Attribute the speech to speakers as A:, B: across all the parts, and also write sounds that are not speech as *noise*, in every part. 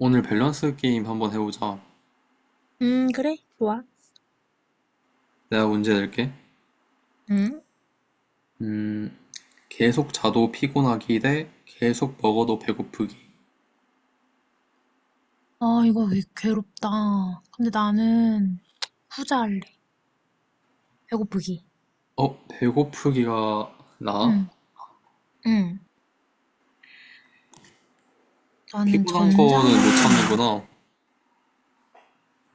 A: 오늘 밸런스 게임 한번 해보자.
B: 그래. 좋아.
A: 내가 문제 낼게.
B: 응.
A: 음, 계속 자도 피곤하기 대 계속 먹어도 배고프기.
B: 아, 이거 왜 괴롭다. 근데 나는 후자 할래. 배고프기.
A: 어, 배고프기가 나?
B: 응, 응. 나는
A: 피곤한 거는 못
B: 전자는,
A: 참는구나.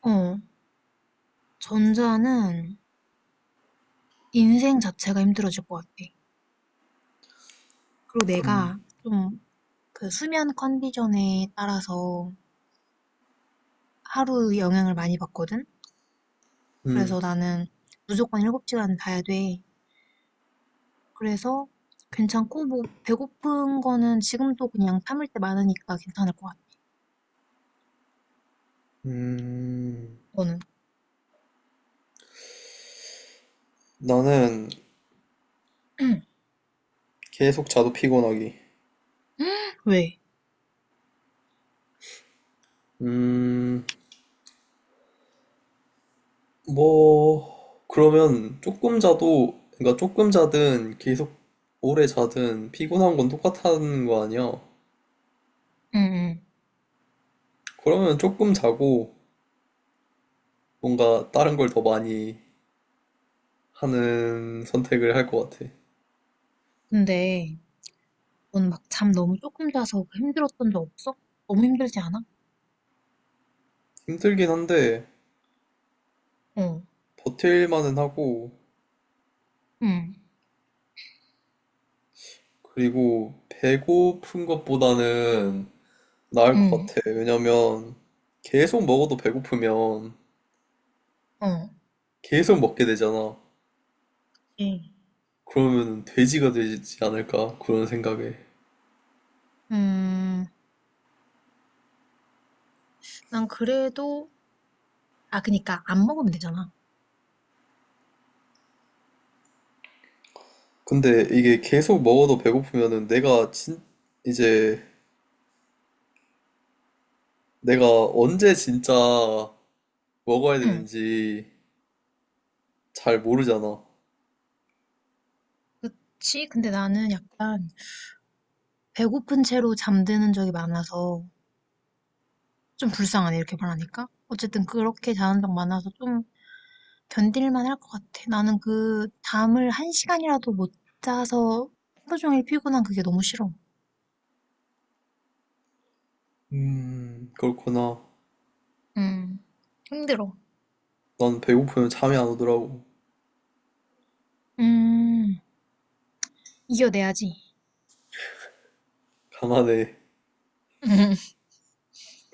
B: 어, 전자는 인생 자체가 힘들어질 것 같아. 그리고 내가 좀 그 수면 컨디션에 따라서 하루 영향을 많이 받거든?
A: 음,
B: 그래서 나는 무조건 7시간 자야 돼. 그래서 괜찮고, 뭐, 배고픈 거는 지금도 그냥 참을 때 많으니까 괜찮을 것 같아.
A: 음,
B: 너는?
A: 나는
B: *clears throat*
A: 계속 자도 피곤하기.
B: *gasps* 왜?
A: 음, 뭐, 그러면 조금 자도, 그러니까 조금 자든 계속 오래 자든 피곤한 건 똑같다는 거 아니야?
B: 응, 응.
A: 그러면 조금 자고 뭔가 다른 걸 더 많이 하는 선택을 할 것 같아.
B: 근데 넌 막 잠 너무 조금 자서 힘들었던 적 없어? 너무 힘들지 않아?
A: 힘들긴 한데
B: 어,
A: 버틸만은 하고
B: 응,
A: 그리고 배고픈 것보다는 나을 것
B: 응,
A: 같아. 왜냐면 계속 먹어도 배고프면
B: 어.
A: 계속 먹게 되잖아.
B: 예.
A: 그러면 돼지가 되지 않을까 그런 생각에.
B: 음, 난 그래도, 아, 그니까 안 먹으면 되잖아.
A: 근데 이게 계속 먹어도 배고프면은 내가 진 이제 내가 언제 진짜 먹어야
B: 응,
A: 되는지 잘 모르잖아.
B: 그치? 근데 나는 약간 배고픈 채로 잠드는 적이 많아서 좀 불쌍하네, 이렇게 말하니까. 어쨌든 그렇게 자는 적 많아서 좀 견딜만 할 것 같아. 나는 그 잠을 1시간이라도 못 자서 하루 종일 피곤한 그게 너무 싫어.
A: 그렇구나.
B: 음, 힘들어.
A: 난 배고프면 잠이 안 오더라고.
B: 음, 이겨내야지.
A: 가만해.
B: *laughs* 음,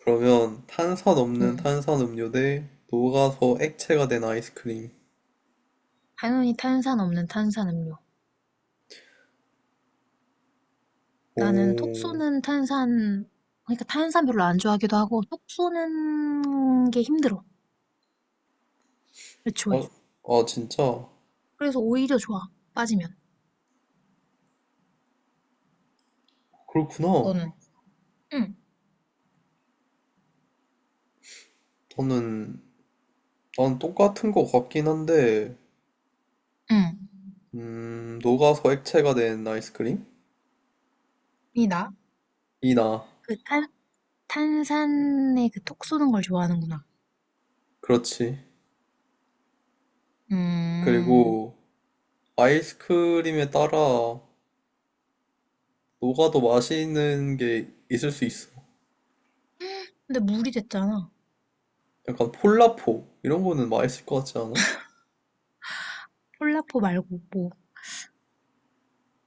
A: 그러면 탄산 없는
B: 음.
A: 탄산 음료 대 녹아서 액체가 된 아이스크림.
B: 당연히 탄산 없는 탄산 음료. 나는 톡
A: 오,
B: 쏘는 탄산, 그러니까 탄산 별로 안 좋아하기도 하고, 톡 쏘는 게 힘들어.
A: 아,
B: 애초에.
A: 아 진짜?
B: 그래서 오히려 좋아. 빠지면.
A: 그렇구나.
B: 너는? 응,
A: 저는 난 똑같은 거 같긴 한데,
B: 응.
A: 녹아서 액체가 된 아이스크림?
B: 이 나?
A: 이 나.
B: 그 탄산에 그 톡 쏘는 걸 좋아하는구나.
A: 그렇지.
B: 음,
A: 그리고 아이스크림에 따라 녹아도 맛있는 게 있을 수 있어.
B: 근데 물이 됐잖아.
A: 약간 폴라포 이런 거는 맛있을 것 같지 않아?
B: 콜라포 말고, 뭐.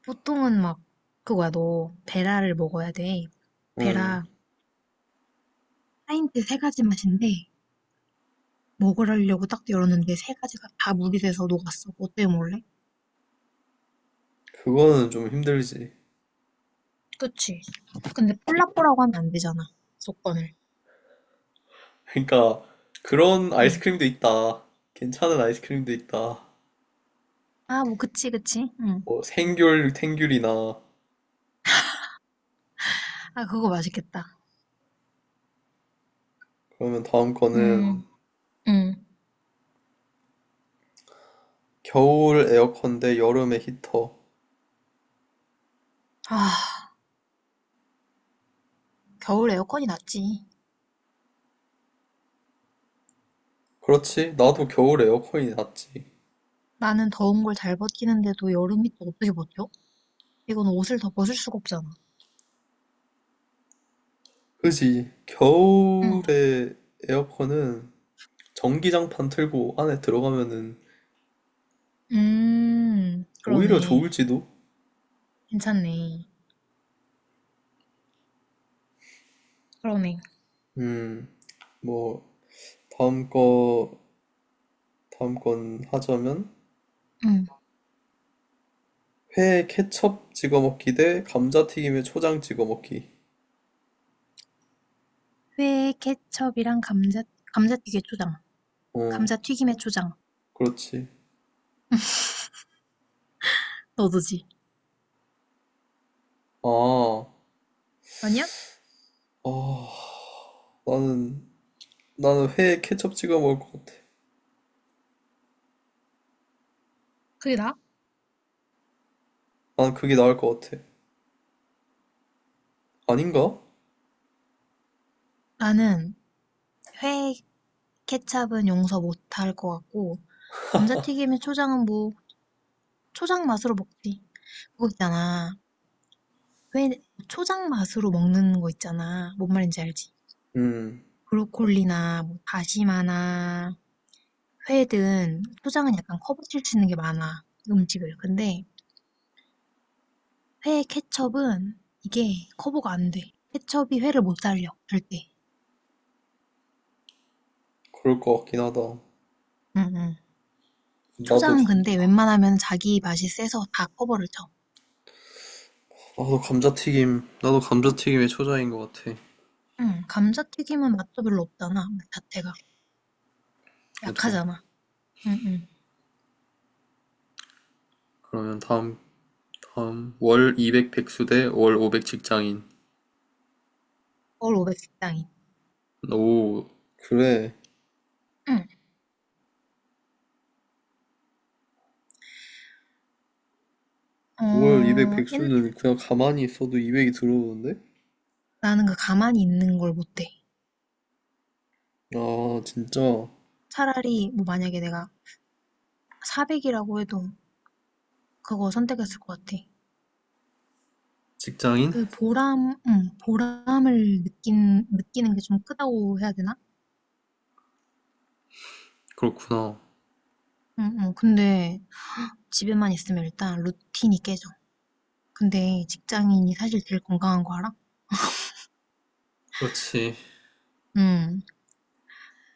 B: 보통은 막, 그거야, 너, 베라를 먹어야 돼.
A: 음.
B: 베라. 파인트 세 가지 맛인데 먹으려고 딱 열었는데 세 가지가 다 물이 돼서 녹았어. 어때 몰래?
A: 그거는 좀 힘들지.
B: 그치. 근데 폴라뽀라고 하면 안 되잖아. 조건을.
A: 그러니까 그런
B: 응.
A: 아이스크림도 있다. 괜찮은 아이스크림도 있다.
B: 아, 뭐, 그치, 그치. 응.
A: 뭐 생귤, 탱귤이나
B: 아, 그거 맛있겠다.
A: 그러면 다음
B: 음,
A: 거는
B: 응.
A: 겨울 에어컨 대 여름의 히터.
B: 아, 겨울 에어컨이 낫지.
A: 그렇지? 나도 겨울 에어컨이 낫지.
B: 나는 더운 걸 잘 버티는데도 여름이 또 어떻게 버텨? 이건 옷을 더 벗을 수가 없잖아.
A: 그지?
B: 응.
A: 겨울에 에어컨은 전기장판 틀고 안에 들어가면은 오히려
B: 그러네.
A: 좋을지도?
B: 괜찮네. 그러네.
A: 음, 뭐 다음 거 다음 건 하자면
B: 응.
A: 회에 케첩 찍어 먹기 대 감자튀김에 초장 찍어 먹기.
B: 회, 케첩이랑 감자튀김 초장.
A: 어,
B: 감자튀김에 초장.
A: 그렇지.
B: 너도지?
A: 아,
B: 아니야?
A: 아, 나는 나는 회에 케첩 찍어 먹을 것 같아.
B: 그게 나?
A: 난 그게 나을 것 같아. 아닌가?
B: 나는 회 케찹은 용서 못할 것 같고 감자튀김에 초장은 뭐 초장 맛으로 먹지. 그거 있잖아. 회 초장 맛으로 먹는 거 있잖아. 뭔 말인지 알지?
A: 음,
B: 브로콜리나 뭐 다시마나 회든 초장은 약간 커버칠 수 있는 게 많아. 음식을. 근데 회 케첩은 이게 커버가 안 돼. 케첩이 회를 못 살려. 절대.
A: 그럴 것 같긴 하다.
B: 응응.
A: 나도 감,
B: 초장은 근데 웬만하면 자기 맛이 세서 다 커버를 쳐.
A: 나도 감자튀김에 초장인 것 같아.
B: 응, 감자튀김은 맛도 별로 없잖아, 맛 자체가.
A: 맞아.
B: 약하잖아. 응, 응.
A: 그러면 다음 월 200 백수 대 월 500 직장인.
B: 서울 500 식당이.
A: 오, 그래.
B: 응.
A: 월 200
B: 어,
A: 백수는 그냥 가만히 있어도 200이 들어오는데?
B: 나는 그 가만히 있는 걸 못해.
A: 아, 진짜.
B: 차라리, 뭐 만약에 내가 400이라고 해도 그거 선택했을 것 같아.
A: 직장인?
B: 그 보람, 응, 보람을 느끼는 게 좀 크다고 해야 되나?
A: 그렇구나.
B: 응, 응. 근데 집에만 있으면 일단 루틴이 깨져. 근데 직장인이 사실 제일 건강한 거 알아?
A: 그렇지.
B: 응.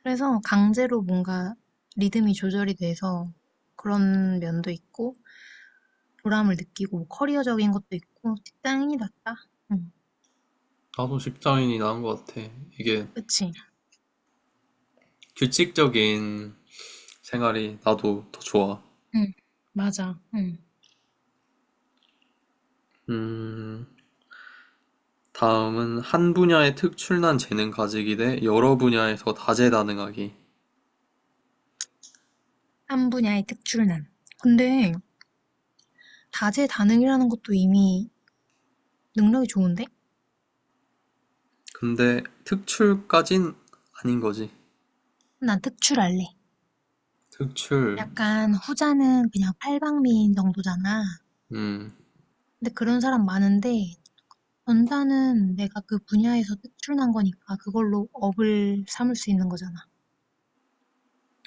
B: 그래서 강제로 뭔가 리듬이 조절이 돼서 그런 면도 있고 보람을 느끼고 뭐 커리어적인 것도 있고 직장인이 낫다. 응,
A: 나도 직장인이 나은 것 같아. 이게
B: 그치?
A: 규칙적인 생활이 나도 더 좋아.
B: 응, 맞아. 응.
A: 음, 다음은 한 분야에 특출난 재능 가지기 대 여러 분야에서 다재다능하기.
B: 한 분야의 특출난. 근데 다재다능이라는 것도 이미 능력이 좋은데?
A: 근데 특출까진 아닌 거지.
B: 난 특출할래.
A: 특출.
B: 약간 후자는 그냥 팔방미인 정도잖아.
A: 음,
B: 근데 그런 사람 많은데 전자는 내가 그 분야에서 특출난 거니까 그걸로 업을 삼을 수 있는 거잖아.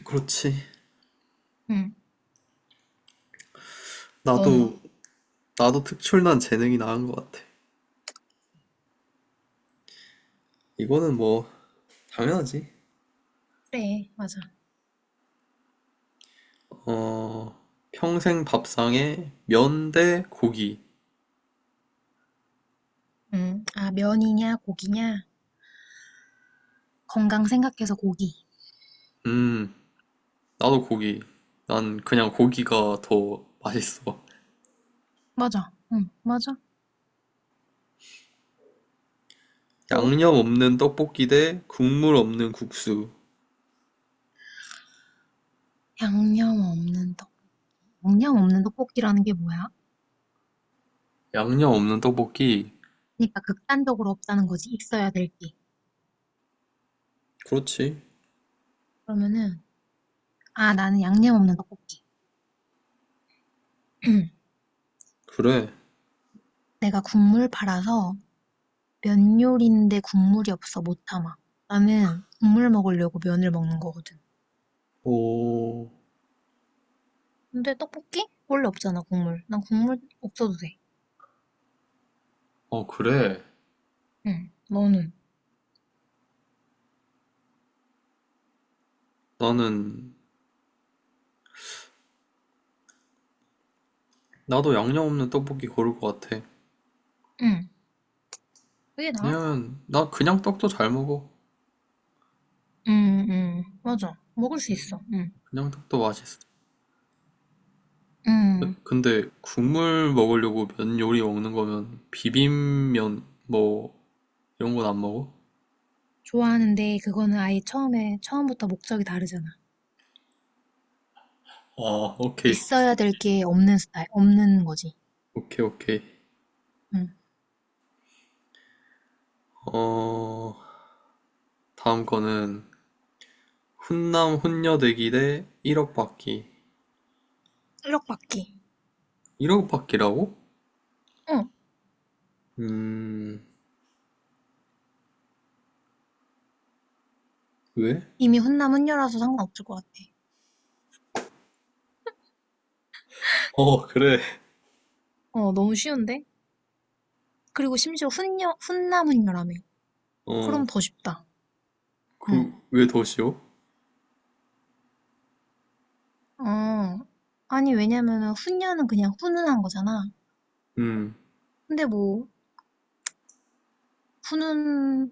A: 그렇지.
B: 응. 너는?
A: 나도, 나도 특출난 재능이 나은 것 같아. 이거는 뭐, 당연하지.
B: 그래, 맞아.
A: 어, 평생 밥상에 면 대 고기.
B: 응. 아, 면이냐, 고기냐? 건강 생각해서 고기.
A: 음, 나도 고기. 난 그냥 고기가 더 맛있어.
B: 맞아. 응, 맞아. 또,
A: 양념 없는 떡볶이 대 국물 없는 국수.
B: 양념 없는 떡. 양념 없는 떡볶이라는 게 뭐야?
A: 양념 없는 떡볶이.
B: 그러니까 극단적으로 없다는 거지, 있어야 될 게.
A: 그렇지.
B: 그러면은, 아, 나는 양념 없는 떡볶이. *clears throat*
A: 그래.
B: 내가 국물 팔아서 면 요리인데 국물이 없어 못 참아. 나는 국물 먹으려고 면을 먹는 거거든.
A: 오,
B: 근데 떡볶이? 원래 없잖아, 국물. 난 국물 없어도 돼.
A: 어, 그래.
B: 응, 너는?
A: 나는, 나도 양념 없는 떡볶이 고를 것 같아.
B: 응, 그게 나아.
A: 왜냐면, 나 그냥 떡도 잘 먹어.
B: 맞아. 먹을 수 있어. 음.
A: 그냥 떡도 맛있어.
B: 음.
A: 근데 국물 먹으려고 면 요리 먹는 거면 비빔면 뭐 이런 건 안 먹어?
B: 좋아하는데 그거는 아예 처음에 처음부터 목적이 다르잖아.
A: 아, 오케이.
B: 있어야 될 게 없는 스타일, 없는 거지.
A: 오케이, 오케이.
B: 음.
A: 어, 다음 거는 훈남 훈녀대기 대 1억 받기.
B: 실력받기.
A: 1억 받기라고?
B: 어,
A: 음, 왜?
B: 이미 훈남 훈녀라서 상관없을 것 같아.
A: 어, 그래.
B: 어, 너무 쉬운데? 그리고 심지어 훈남 훈녀라며.
A: 어,
B: 그럼 더 쉽다. 응.
A: 그, 왜 더 쉬워?
B: 어, 아니, 왜냐면은 훈녀는 그냥 훈훈한 거잖아.
A: 음,
B: 근데 뭐, 훈훈,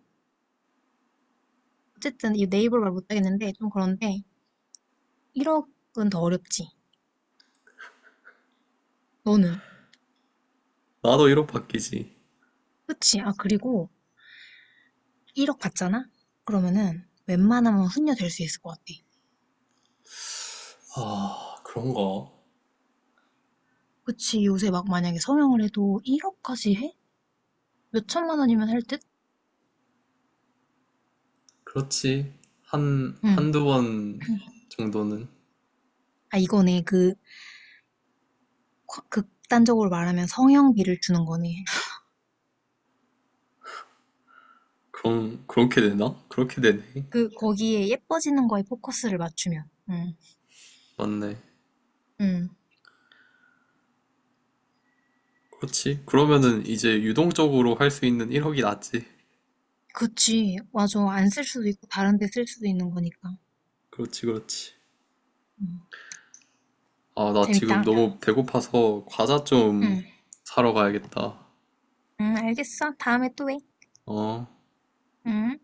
B: 어쨌든 이 네이버 말 못하겠는데, 좀 그런데, 1억은 더 어렵지. 너는?
A: 나도 1억 받기지.
B: 그치. 아, 그리고 1억 받잖아? 그러면은 웬만하면 훈련될 수 있을 것 같아.
A: 아, 그런가?
B: 그치. 요새 막 만약에 성형을 해도 1억까지 해? 몇 천만 원이면 할 듯?
A: 그렇지.
B: 응.
A: 한두 번
B: *clears throat*
A: 정도는.
B: 아, 이거네. 그, 극단적으로 말하면 성형비를 주는 거네.
A: 그럼 그렇게 되나? 그렇게 되네.
B: 그, 거기에 예뻐지는 거에 포커스를 맞추면. 응.
A: 맞네.
B: 응.
A: 그렇지. 그러면은 이제 유동적으로 할 수 있는 1억이 낫지.
B: 그치. 맞아. 안 쓸 수도 있고, 다른 데 쓸 수도 있는 거니까.
A: 그렇지, 그렇지.
B: 응.
A: 아, 나 지금
B: 재밌다.
A: 너무 배고파서 과자 좀
B: 응.
A: 사러 가야겠다.
B: 응, 알겠어. 다음에 또 해.
A: 어.
B: 응.